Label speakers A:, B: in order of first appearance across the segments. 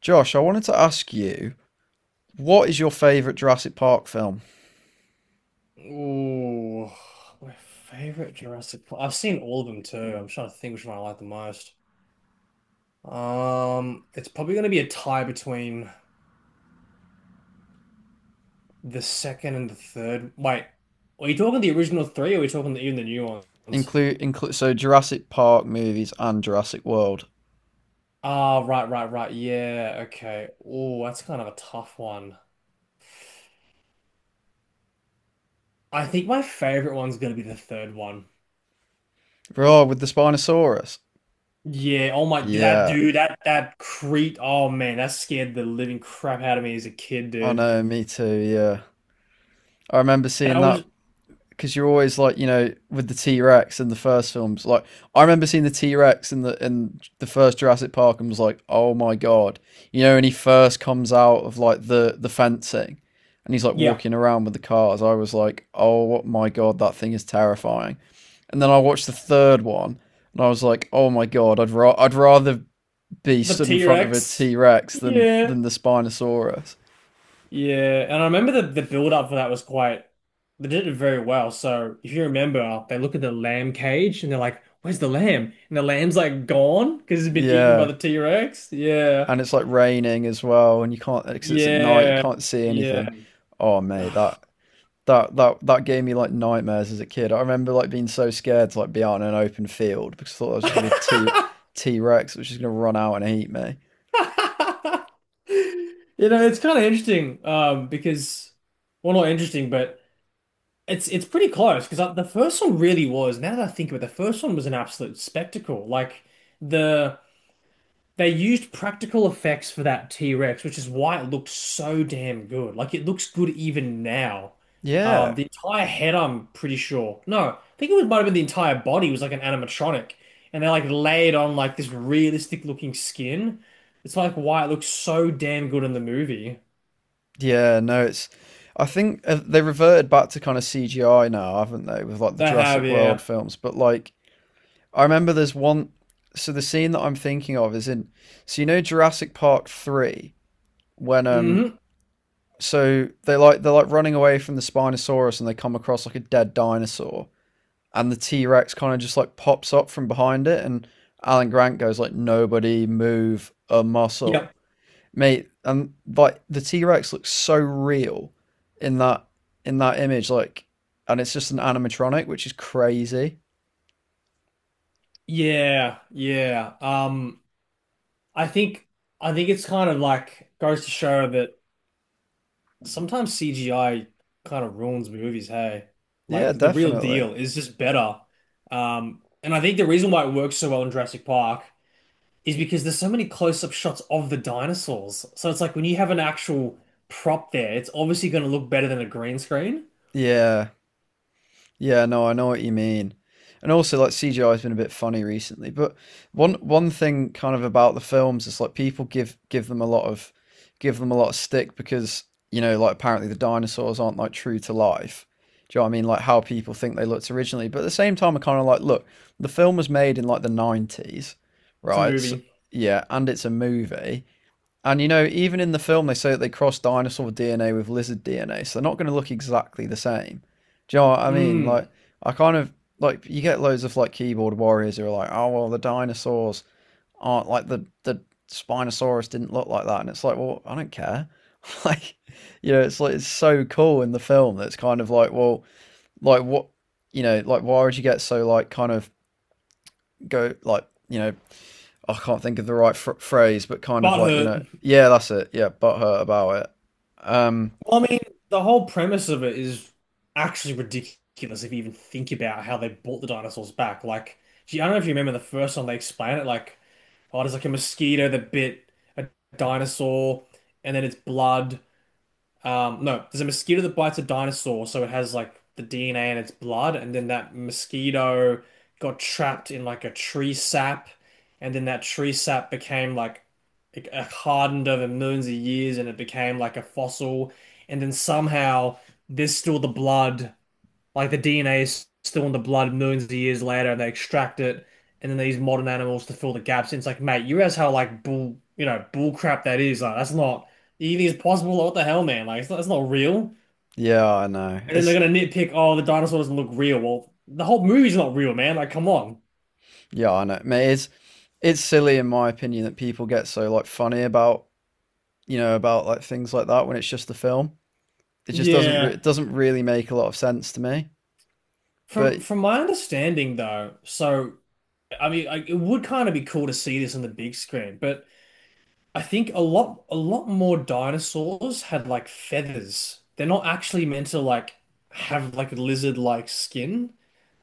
A: Josh, I wanted to ask you, what is your favorite Jurassic Park film?
B: Ooh, my favorite Jurassic Park. I've seen all of them too. I'm trying to think which one I like the most. It's probably going to be a tie between the second and the third. Wait, are you talking the original three, or are we talking even the new ones?
A: Include so Jurassic Park movies and Jurassic World.
B: Ah, right, right, right. Yeah, okay. Oh, that's kind of a tough one. I think my favorite one's going to be the third one.
A: Oh, with the Spinosaurus.
B: Yeah, oh my, that
A: Yeah,
B: dude, that creep. Oh man, that scared the living crap out of me as a kid,
A: I
B: dude.
A: know, me too. Yeah, I remember
B: That
A: seeing that
B: was.
A: because you're always like you know with the T Rex in the first films. Like I remember seeing the T Rex in the first Jurassic Park and was like, oh my god, you know, when he first comes out of like the fencing and he's like
B: Yeah,
A: walking around with the cars. I was like, oh my god, that thing is terrifying. And then I watched the third one and I was like, oh my god, I'd rather be
B: the
A: stood in front of a
B: T-Rex.
A: T Rex than
B: Yeah.
A: the Spinosaurus.
B: Yeah. And I remember the build up for that was quite they did it very well. So if you remember, they look at the lamb cage and they're like, "Where's the lamb?" And the lamb's like gone because it's been eaten by
A: Yeah,
B: the T-Rex. Yeah.
A: and it's like raining as well, and you can't because it's at night, you
B: Yeah.
A: can't see
B: Yeah.
A: anything. Oh mate, that that gave me like nightmares as a kid. I remember like being so scared to like be out in an open field because I thought I was just gonna be a T Rex, which is gonna run out and eat me.
B: It's kind of interesting, because well not interesting, but it's pretty close because the first one really was. Now that I think of it, the first one was an absolute spectacle. Like the they used practical effects for that T-Rex, which is why it looked so damn good. Like it looks good even now.
A: Yeah,
B: The entire head, I'm pretty sure. No, I think it was might have been the entire body was like an animatronic, and they like laid on like this realistic looking skin. It's like why it looks so damn good in the movie.
A: yeah, no, it's. I think they reverted back to kind of CGI now, haven't they, with like the
B: They have,
A: Jurassic World
B: yeah.
A: films? But like, I remember there's one. So the scene that I'm thinking of is in. So you know Jurassic Park three when
B: Hmm.
A: so they're like running away from the Spinosaurus and they come across like a dead dinosaur and the T Rex kind of just like pops up from behind it and Alan Grant goes like, nobody move a muscle.
B: Yep.
A: Mate, and like the T Rex looks so real in that in that image, like and it's just an animatronic, which is crazy.
B: Yeah, yeah. I think I think it's kind of like goes to show that sometimes CGI kind of ruins movies, hey. Like
A: Yeah,
B: the real
A: definitely.
B: deal is just better. And I think the reason why it works so well in Jurassic Park is because there's so many close-up shots of the dinosaurs. So it's like when you have an actual prop there, it's obviously going to look better than a green screen.
A: Yeah. Yeah, no, I know what you mean. And also, like CGI has been a bit funny recently, but one thing kind of about the films is like people give them a lot of give them a lot of stick because you know like apparently the dinosaurs aren't like true to life. Do you know what I mean? Like how people think they looked originally, but at the same time, I kind of like look. The film was made in like the 90s,
B: It's a
A: right? So,
B: movie.
A: yeah, and it's a movie and you know, even in the film, they say that they cross dinosaur DNA with lizard DNA, so they're not going to look exactly the same. Do you know what I mean? Like,
B: Mm,
A: I kind of like you get loads of like keyboard warriors who are like, oh well, the dinosaurs aren't like the Spinosaurus didn't look like that, and it's like, well, I don't care. Like, you know, it's like it's so cool in the film that it's kind of like, well, like what, you know, like why would you get so like kind of go like you know I can't think of the phrase, but kind of
B: butt
A: like you
B: hurt.
A: know, yeah, that's it, yeah, butthurt about it. Um,
B: Well, I mean, the whole premise of it is actually ridiculous if you even think about how they brought the dinosaurs back. Like, gee, I don't know if you remember the first time they explain it, like, oh, there's like a mosquito that bit a dinosaur, and then it's blood. No, there's a mosquito that bites a dinosaur, so it has like the DNA in its blood, and then that mosquito got trapped in like a tree sap, and then that tree sap became like it hardened over millions of years, and it became like a fossil, and then somehow there's still the blood like the DNA is still in the blood millions of years later, and they extract it, and then they use modern animals to fill the gaps. And it's like, mate, you realize how like bull, you know, bull crap that is. Like that's not even is possible. Like, what the hell, man? Like it's not real.
A: yeah, I know.
B: And then they're
A: It's
B: gonna nitpick, oh, the dinosaur doesn't look real. Well, the whole movie's not real, man. Like, come on.
A: yeah, I know. Mate, it's silly in my opinion that people get so like funny about you know about like things like that when it's just a film. It just doesn't re-
B: Yeah.
A: it doesn't really make a lot of sense to me.
B: From
A: But
B: from my understanding, though, so I mean, I, it would kind of be cool to see this on the big screen, but. I think a lot more dinosaurs had like feathers. They're not actually meant to like have like a lizard-like skin.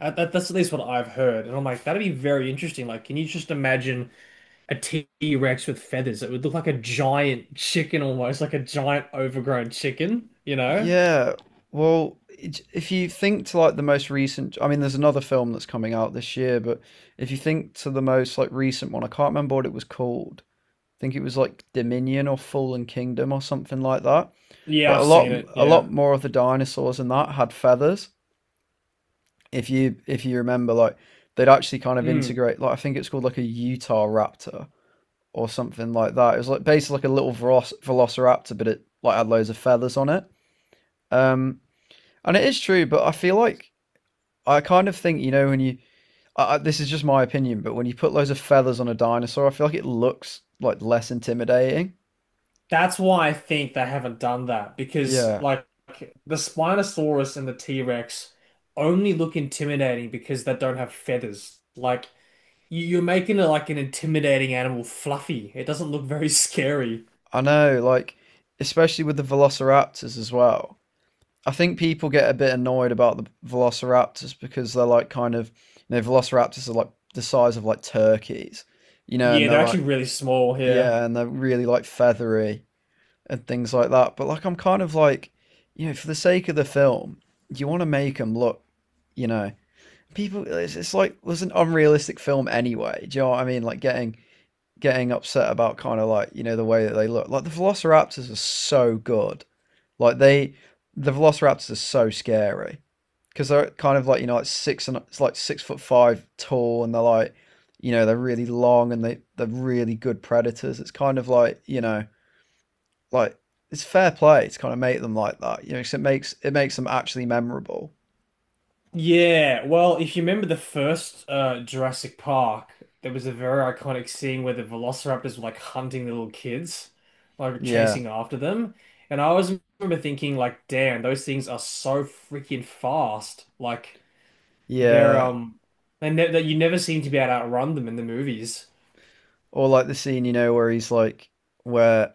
B: That's at least what I've heard. And I'm like, that'd be very interesting. Like, can you just imagine a T-Rex with feathers? It would look like a giant chicken almost, like a giant overgrown chicken, you know?
A: yeah, well, if you think to like the most recent, I mean, there's another film that's coming out this year, but if you think to the most like recent one, I can't remember what it was called. I think it was like Dominion or Fallen Kingdom or something like that.
B: Yeah,
A: But a
B: I've
A: lot
B: seen it.
A: a
B: Yeah.
A: lot more of the dinosaurs in that had feathers. If you remember, like they'd actually kind of
B: Mm.
A: integrate. Like I think it's called like a Utah Raptor or something like that. It was like basically like a little Velociraptor, but it like had loads of feathers on it. Um, and it is true, but I feel like I kind of think you know when you this is just my opinion, but when you put loads of feathers on a dinosaur, I feel like it looks like less intimidating.
B: That's why I think they haven't done that because,
A: Yeah,
B: like, the Spinosaurus and the T-Rex only look intimidating because they don't have feathers. Like, you're making it like an intimidating animal fluffy. It doesn't look very scary.
A: I know, like, especially with the velociraptors as well. I think people get a bit annoyed about the velociraptors because they're like kind of, you know, velociraptors are like the size of like turkeys, you know, and
B: Yeah,
A: they're
B: they're
A: like,
B: actually really small here.
A: yeah, and they're really like feathery and things like that. But like, I'm kind of like, you know, for the sake of the film, you want to make them look, you know, people, it's like, it was an unrealistic film anyway. Do you know what I mean? Like, getting upset about kind of like you know the way that they look. Like the Velociraptors are so good. Like they, the Velociraptors are so scary because they're kind of like you know like six and it's like 6 foot five tall and they're like you know they're really long and they're really good predators. It's kind of like you know like it's fair play to kind of make them like that. You know, 'cause it makes them actually memorable.
B: Yeah, well, if you remember the first Jurassic Park, there was a very iconic scene where the velociraptors were like hunting the little kids, like
A: Yeah,
B: chasing after them. And I always remember thinking, like, damn, those things are so freaking fast. Like, they're
A: yeah.
B: and ne that you never seem to be able to outrun them in the movies.
A: Or like the scene you know where he's like where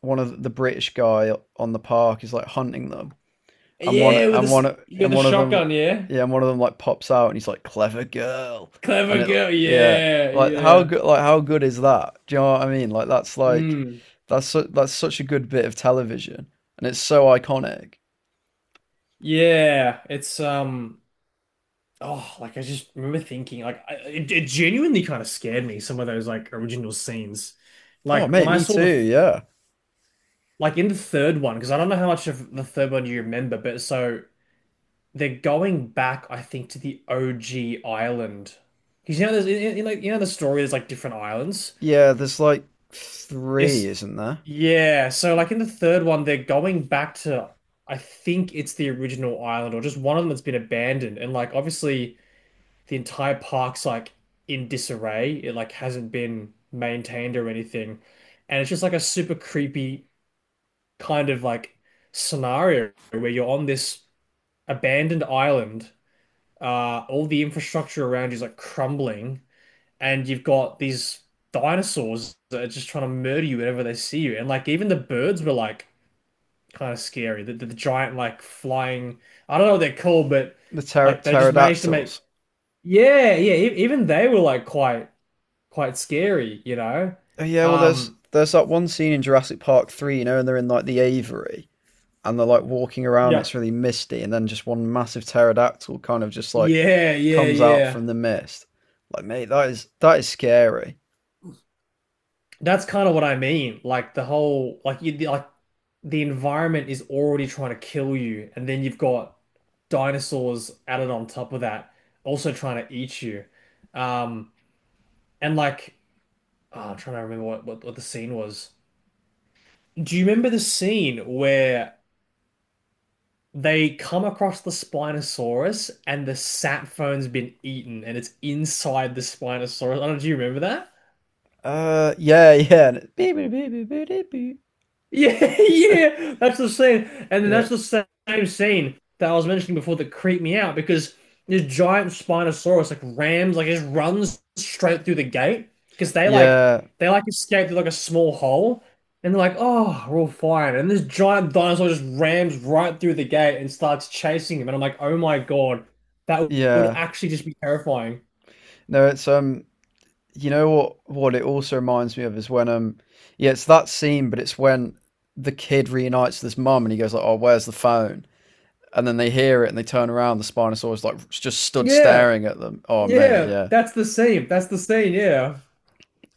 A: one of the British guy on the park is like hunting them and
B: Yeah, with this, with the
A: one of them,
B: shotgun, yeah,
A: yeah, and one of them like pops out and he's like, clever girl, and
B: clever
A: it,
B: girl,
A: yeah,
B: yeah,
A: like how
B: yeah,
A: good, like how good is that, do you know what I mean, like that's like
B: mm,
A: that's such a good bit of television and it's so iconic.
B: yeah. It's. Oh, like I just remember thinking, like it, it genuinely kind of scared me. Some of those like original scenes,
A: Oh
B: like when
A: mate,
B: I
A: me
B: saw
A: too,
B: the
A: yeah,
B: like in the third one, because I don't know how much of the third one you remember, but so they're going back, I think, to the OG island, because you know there's like you know the story there's like different islands.
A: yeah, there's like three
B: It's
A: isn't there,
B: yeah, so like in the third one they're going back to I think it's the original island or just one of them that's been abandoned, and like obviously the entire park's like in disarray. It like hasn't been maintained or anything. And it's just like a super creepy kind of like scenario where you're on this abandoned island. All the infrastructure around you is like crumbling, and you've got these dinosaurs that are just trying to murder you whenever they see you. And like even the birds were like kind of scary. The giant like flying, I don't know what they're called, but
A: the
B: like they just managed to make
A: pterodactyls.
B: yeah, yeah. Even they were like quite scary, you know?
A: Oh yeah, well, there's
B: Um,
A: there's that one scene in Jurassic Park 3, you know, and they're in like the aviary and they're like walking around.
B: Yeah.
A: It's really misty, and then just one massive pterodactyl kind of just like
B: Yeah, yeah,
A: comes out
B: yeah.
A: from the mist. Like, mate, that is scary.
B: That's kind of what I mean. Like the whole, like you, like the environment is already trying to kill you, and then you've got dinosaurs added on top of that, also trying to eat you. Um, and like, oh, I'm trying to remember what the scene was. Do you remember the scene where? They come across the Spinosaurus and the sap phone's been eaten and it's inside the Spinosaurus. I don't know, do you remember that?
A: Yeah, yeah,
B: Yeah, yeah, that's the same, and
A: yeah,
B: that's the same scene that I was mentioning before that creeped me out because this giant Spinosaurus like rams, like just runs straight through the gate because
A: yeah,
B: they like escape through like a small hole, and they're like, oh, we're all fine, and this giant dinosaur just rams right through the gate and starts chasing him, and I'm like, oh my God, that would
A: yeah.
B: actually just be terrifying.
A: No, it's you know what? What it also reminds me of is when yeah, it's that scene, but it's when the kid reunites with his mum, and he goes like, "Oh, where's the phone?" And then they hear it, and they turn around. The Spinosaurus like just stood
B: Yeah,
A: staring at them. Oh, mate,
B: yeah,
A: yeah.
B: that's the scene. That's the scene. Yeah,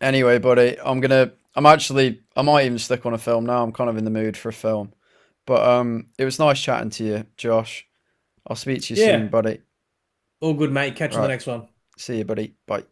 A: Anyway, buddy, I'm gonna. I'm actually. I might even stick on a film now. I'm kind of in the mood for a film. But it was nice chatting to you, Josh. I'll speak to you soon,
B: yeah.
A: buddy.
B: All good, mate. Catch you in the
A: Right.
B: next one.
A: See you, buddy. Bye.